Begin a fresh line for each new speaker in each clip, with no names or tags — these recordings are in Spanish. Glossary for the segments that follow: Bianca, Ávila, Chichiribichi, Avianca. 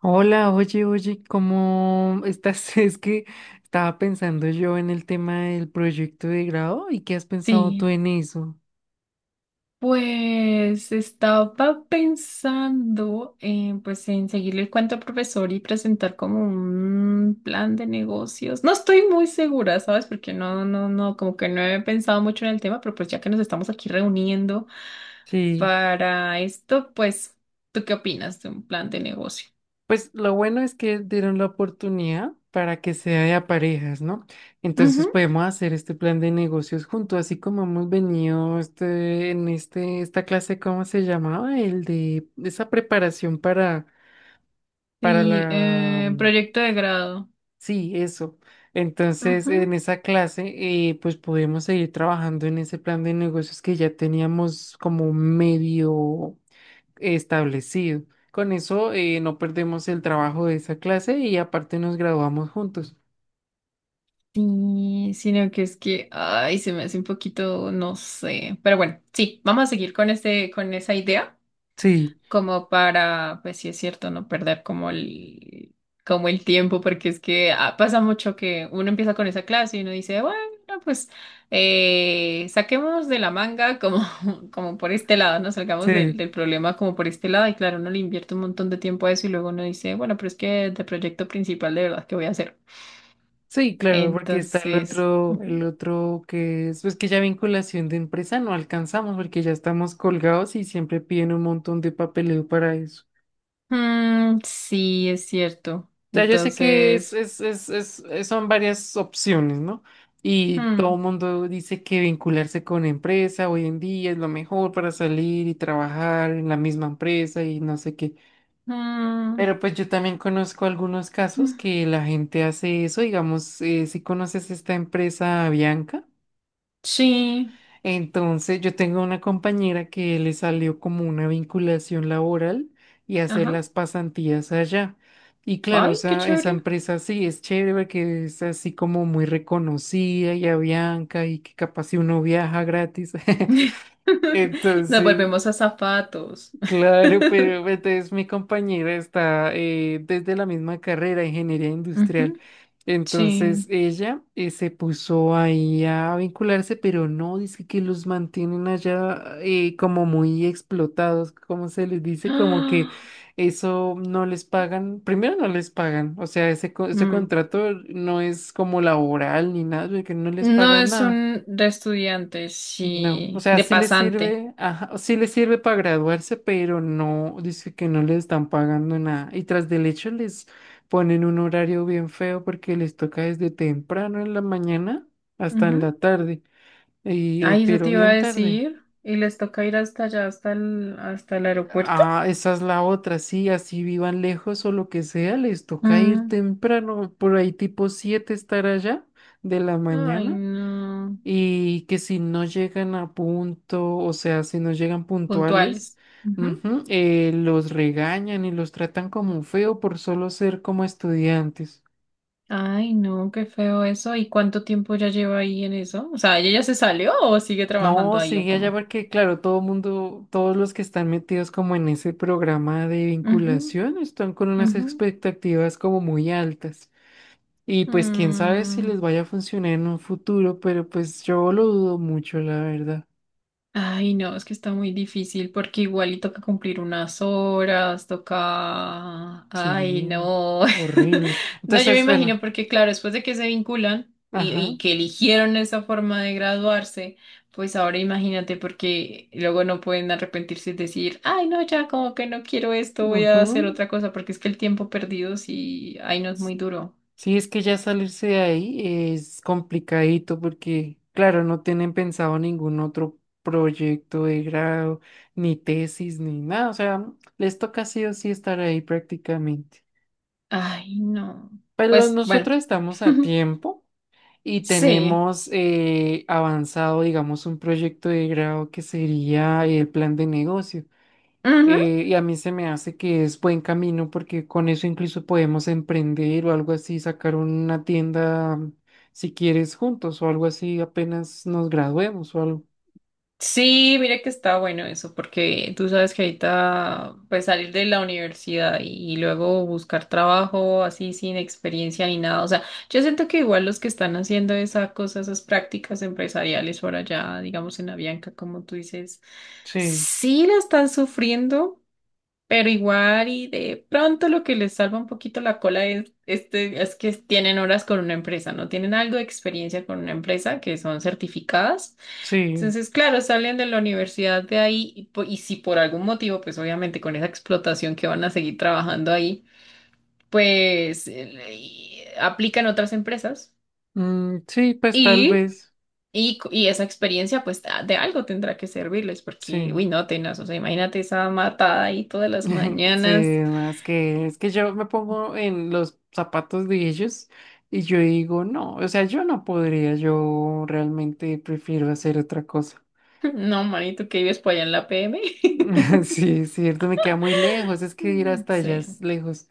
Hola, oye, oye, ¿cómo estás? Es que estaba pensando yo en el tema del proyecto de grado y qué has pensado tú
Sí,
en eso.
pues estaba pensando pues, en seguirle el cuento al profesor y presentar como un plan de negocios. No estoy muy segura, ¿sabes? Porque no, no, no, como que no he pensado mucho en el tema, pero pues ya que nos estamos aquí reuniendo
Sí,
para esto, pues, ¿tú qué opinas de un plan de negocio?
pues lo bueno es que dieron la oportunidad para que sea de a parejas, ¿no? Entonces
Ujú.
podemos hacer este plan de negocios juntos, así como hemos venido esta clase. ¿Cómo se llamaba? El de esa preparación para,
Sí,
la.
proyecto de grado.
Sí, eso. Entonces, en esa clase, pues pudimos seguir trabajando en ese plan de negocios que ya teníamos como medio establecido. Con eso, no perdemos el trabajo de esa clase y aparte nos graduamos juntos.
Sí, sino que es que, ay, se me hace un poquito, no sé. Pero bueno, sí, vamos a seguir con esa idea,
Sí,
como para, pues sí es cierto, no perder como el tiempo, porque es que pasa mucho que uno empieza con esa clase y uno dice, bueno, pues saquemos de la manga como, como por este lado, no salgamos del,
sí,
del problema como por este lado. Y claro, uno le invierte un montón de tiempo a eso y luego uno dice, bueno, pero es que de proyecto principal de verdad, ¿qué voy a hacer?
sí, claro, porque está el
Entonces.
otro, el
Ujú.
otro, que es, pues, que ya vinculación de empresa no alcanzamos porque ya estamos colgados y siempre piden un montón de papeleo para eso.
Mm, sí, es cierto.
Sea, yo sé que
Entonces.
son varias opciones, ¿no? Y todo
Hmm,
el mundo dice que vincularse con empresa hoy en día es lo mejor para salir y trabajar en la misma empresa y no sé qué.
mm,
Pero pues yo también conozco algunos casos
mm,
que la gente hace eso, digamos, si conoces esta empresa Bianca.
sí,
Entonces, yo tengo una compañera que le salió como una vinculación laboral y hacer
ajá.
las pasantías allá. Y claro,
Ay, qué
esa
chévere.
empresa sí es chévere, que es así como muy reconocida y a Bianca y que capaz si uno viaja gratis.
Nos
Entonces,
volvemos a zapatos.
claro, pero pues, entonces mi compañera está desde la misma carrera, ingeniería industrial.
Sí.
Entonces ella se puso ahí a vincularse, pero no, dice que los mantienen allá como muy explotados, como se les dice, como que
Ah,
eso no les pagan, primero no les pagan, o sea, ese, ese
mm.
contrato no es como laboral ni nada, que no les
No
pagan
es
nada.
un de estudiante,
No, o
sí,
sea,
de
sí les
pasante.
sirve, ajá, sí les sirve para graduarse, pero no, dice que no les están pagando nada. Y tras del hecho les ponen un horario bien feo porque les toca desde temprano en la mañana hasta en
Ujú.
la tarde,
Ay, eso
pero
te iba a
bien tarde.
decir. Y les toca ir hasta allá, hasta el aeropuerto.
Ah, esa es la otra, sí, así vivan lejos o lo que sea, les toca ir
Mm.
temprano, por ahí tipo 7 estar allá de la
Ay,
mañana.
no.
Y que si no llegan a punto, o sea, si no llegan puntuales,
Puntuales. Ujú.
ujú, los regañan y los tratan como feo por solo ser como estudiantes.
Ay, no, qué feo eso. ¿Y cuánto tiempo ya lleva ahí en eso? O sea, ¿ella ya se salió o sigue
No,
trabajando ahí o
sigue allá
cómo?
porque, claro, todos los que están metidos como en ese programa de
Ujú,
vinculación están con unas
ujú.
expectativas como muy altas. Y pues quién sabe si
Mm.
les vaya a funcionar en un futuro, pero pues yo lo dudo mucho, la verdad.
Ay, no, es que está muy difícil porque igual y toca cumplir unas horas, toca... Ay,
Sí,
no.
horrible.
No, yo me
Entonces,
imagino
bueno,
porque claro, después de que se vinculan y,
ajá.
y que eligieron esa forma de graduarse, pues ahora imagínate porque luego no pueden arrepentirse y decir, ay, no, ya como que no quiero esto, voy a hacer
Ujú.
otra cosa porque es que el tiempo perdido sí, ay, no es muy
Sí,
duro.
sí, es que ya salirse de ahí es complicadito porque, claro, no tienen pensado ningún otro proyecto de grado, ni tesis, ni nada. O sea, les toca sí o sí estar ahí prácticamente.
Ay, no.
Pero
Pues bueno,
nosotros estamos a tiempo y
sí.
tenemos avanzado, digamos, un proyecto de grado que sería el plan de negocio.
Ujú.
Y a mí se me hace que es buen camino porque con eso incluso podemos emprender o algo así, sacar una tienda si quieres juntos o algo así apenas nos graduemos o algo.
Sí, mira que está bueno eso, porque tú sabes que ahorita, pues salir de la universidad y luego buscar trabajo así sin experiencia ni nada. O sea, yo siento que igual los que están haciendo esa cosa, esas prácticas empresariales por allá, digamos en Avianca, como tú dices,
Sí,
sí la están sufriendo, pero igual y de pronto lo que les salva un poquito la cola es que tienen horas con una empresa, ¿no? Tienen algo de experiencia con una empresa que son certificadas.
sí,
Entonces, claro, salen de la universidad de ahí y si por algún motivo, pues obviamente con esa explotación que van a seguir trabajando ahí, pues y aplican otras empresas
mm, sí, pues tal
y,
vez,
y esa experiencia pues de algo tendrá que servirles porque,
sí.
uy, no, tenaz, o sea, imagínate esa matada ahí todas las
Sí,
mañanas.
no, es que, yo me pongo en los zapatos de ellos y yo digo, no, o sea, yo no podría, yo realmente prefiero hacer otra cosa.
No, manito, que vives por allá en la PM.
Sí, es cierto, me queda muy lejos, es que ir hasta allá
Sí.
es lejos.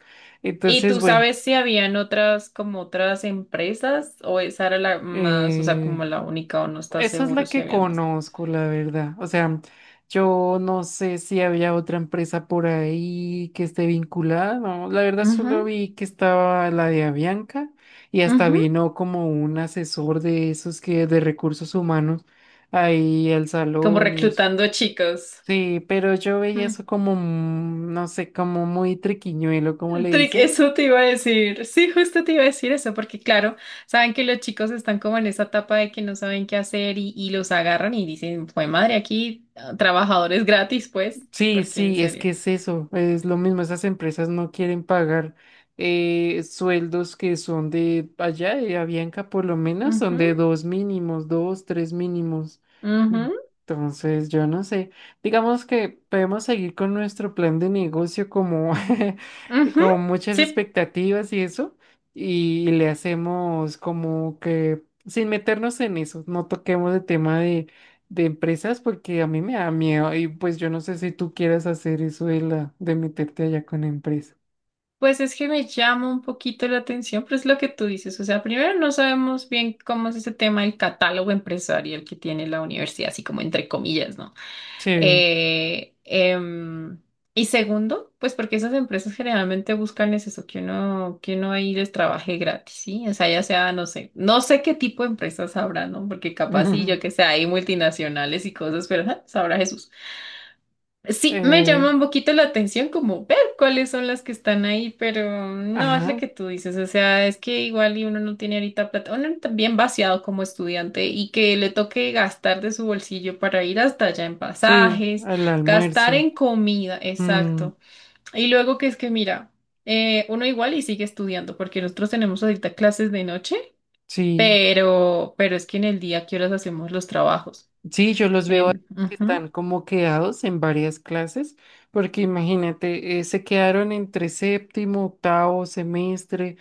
¿Y
Entonces,
tú
güey,
sabes si habían otras, como otras empresas o esa era la más, o sea,
eh,
como la única o no estás
esa es
seguro
la
si
que
habían más?
conozco, la verdad. O sea, yo no sé si había otra empresa por ahí que esté vinculada, no, la verdad solo
Ujú,
vi que estaba la de Avianca y hasta
ujú.
vino como un asesor de esos que de recursos humanos ahí al
Como
salón y eso.
reclutando chicos.
Sí, pero yo veía
Mm.
eso como, no sé, como muy triquiñuelo, como le
Trick,
dice.
eso te iba a decir. Sí, justo te iba a decir eso, porque claro, saben que los chicos están como en esa etapa de que no saben qué hacer y los agarran y dicen, fue madre, aquí trabajadores gratis, pues,
Sí,
porque en
sí, es
serio.
que es eso, es lo mismo, esas empresas no quieren pagar sueldos que son de allá, de Avianca por lo menos, son
Ujú,
de dos mínimos, dos, tres mínimos. Mm,
ujú,
Entonces, yo no sé, digamos que podemos seguir con nuestro plan de negocio como
ujú.
con muchas
Sí.
expectativas y eso, y le hacemos como que sin meternos en eso, no toquemos el tema de empresas porque a mí me da miedo y pues yo no sé si tú quieras hacer eso de la de meterte allá con empresa.
Pues es que me llama un poquito la atención, pero es lo que tú dices. O sea, primero no sabemos bien cómo es ese tema del catálogo empresarial que tiene la universidad, así como entre comillas, ¿no?
Sí.
Eh, em, y segundo, pues porque esas empresas generalmente buscan es eso, que uno, ahí les trabaje gratis, ¿sí? O sea, ya sea, no sé, no sé qué tipo de empresas habrá, ¿no? Porque capaz sí, yo que sé, hay multinacionales y cosas, pero ja, sabrá Jesús. Sí, me llama
Eh,
un poquito la atención como ver cuáles son las que están ahí, pero no es lo
ajá.
que tú dices, o sea, es que igual y uno no tiene ahorita plata, uno también vaciado como estudiante y que le toque gastar de su bolsillo para ir hasta allá en
Sí,
pasajes,
al
gastar
almuerzo.
en comida,
Mm,
exacto. Y luego que es que mira, uno igual y sigue estudiando porque nosotros tenemos ahorita clases de noche,
sí.
pero es que en el día, ¿qué horas hacemos los trabajos?
Sí, yo los veo a
En,
los que
ujú,
están como quedados en varias clases porque imagínate, se quedaron entre séptimo, octavo semestre.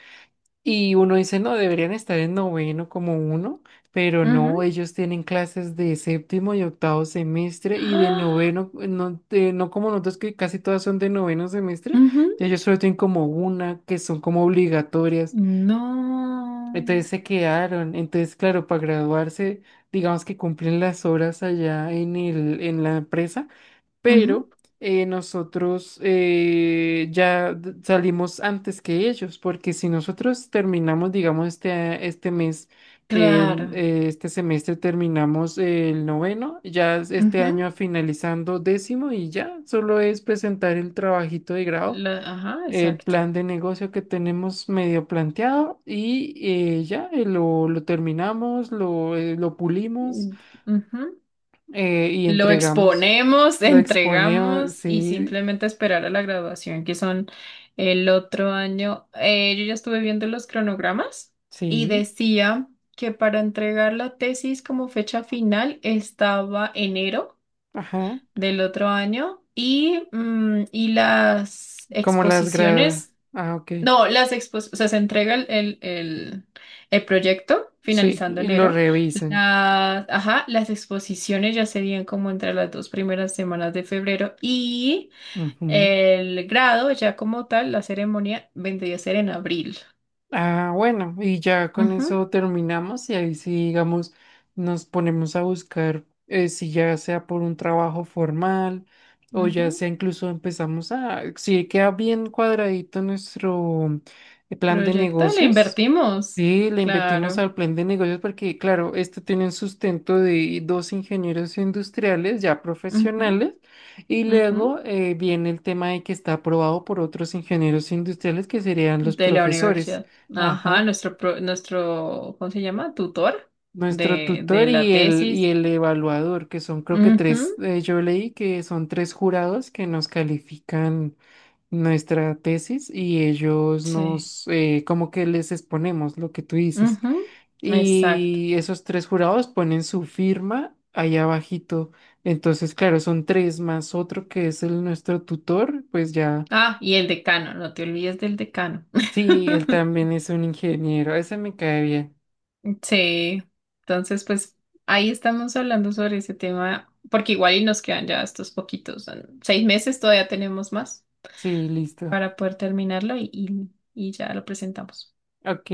Y uno dice, no, deberían estar en noveno como uno, pero no,
ujú.
ellos tienen clases de séptimo y octavo semestre y de
¡Ah!
noveno, no, no como nosotros, que casi todas son de noveno semestre,
Ujú.
y ellos solo tienen como una que son como obligatorias.
No.
Entonces se quedaron, entonces claro, para graduarse, digamos que cumplen las horas allá en el, en la empresa,
Ujú.
pero nosotros ya salimos antes que ellos, porque si nosotros terminamos, digamos, este mes,
Claro.
este semestre terminamos el noveno, ya es este
Ujú,
año finalizando décimo y ya solo es presentar el trabajito de grado.
la- ajá,
El
exacto.
plan de negocio que tenemos medio planteado y ya lo terminamos, lo pulimos,
Mm, ujú.
y
Lo
entregamos.
exponemos,
Lo exponemos,
entregamos y
sí,
simplemente esperar a la graduación, que son el otro año. Yo ya estuve viendo los cronogramas y
sí,
decía que para entregar la tesis como fecha final estaba enero
ajá.
del otro año y las exposiciones.
Ah, ok.
No, las expos, o sea, se entrega el proyecto
Sí,
finalizando
y lo
enero.
revisan.
Ajá, las exposiciones ya serían como entre las dos primeras semanas de febrero y
Ujú.
el grado, ya como tal, la ceremonia vendría a ser en abril.
Ah, bueno, y ya con
Ujú,
eso terminamos y ahí sí, digamos, nos ponemos a buscar si ya sea por un trabajo formal o ya
ujú.
sea incluso empezamos a, si queda bien cuadradito nuestro plan de
Proyecto, le
negocios,
invertimos.
sí, le invertimos
Claro.
al plan de negocios porque, claro, este tiene un sustento de dos ingenieros industriales ya
Ujú,
profesionales y
ujú.
luego viene el tema de que está aprobado por otros ingenieros industriales que serían los
De la
profesores.
universidad. Ajá,
Ajá.
nuestro, pro- nuestro, ¿cómo se llama? Tutor
Nuestro
de
tutor
la
y el, y
tesis.
el evaluador, que son creo que tres,
Ujú.
yo leí que son tres jurados que nos califican nuestra tesis y ellos
Sí.
nos, como que les exponemos lo que tú dices.
Ujú. Exacto.
Y esos tres jurados ponen su firma allá abajito. Entonces, claro, son tres más otro que es el nuestro tutor, pues ya,
Ah, y el decano, no te olvides del decano.
sí, él también es un ingeniero, ese me cae bien.
Sí. Entonces, pues ahí estamos hablando sobre ese tema, porque igual y nos quedan ya estos poquitos, son 6 meses, todavía tenemos más
Sí, listo.
para poder terminarlo y ya lo presentamos.
Ok.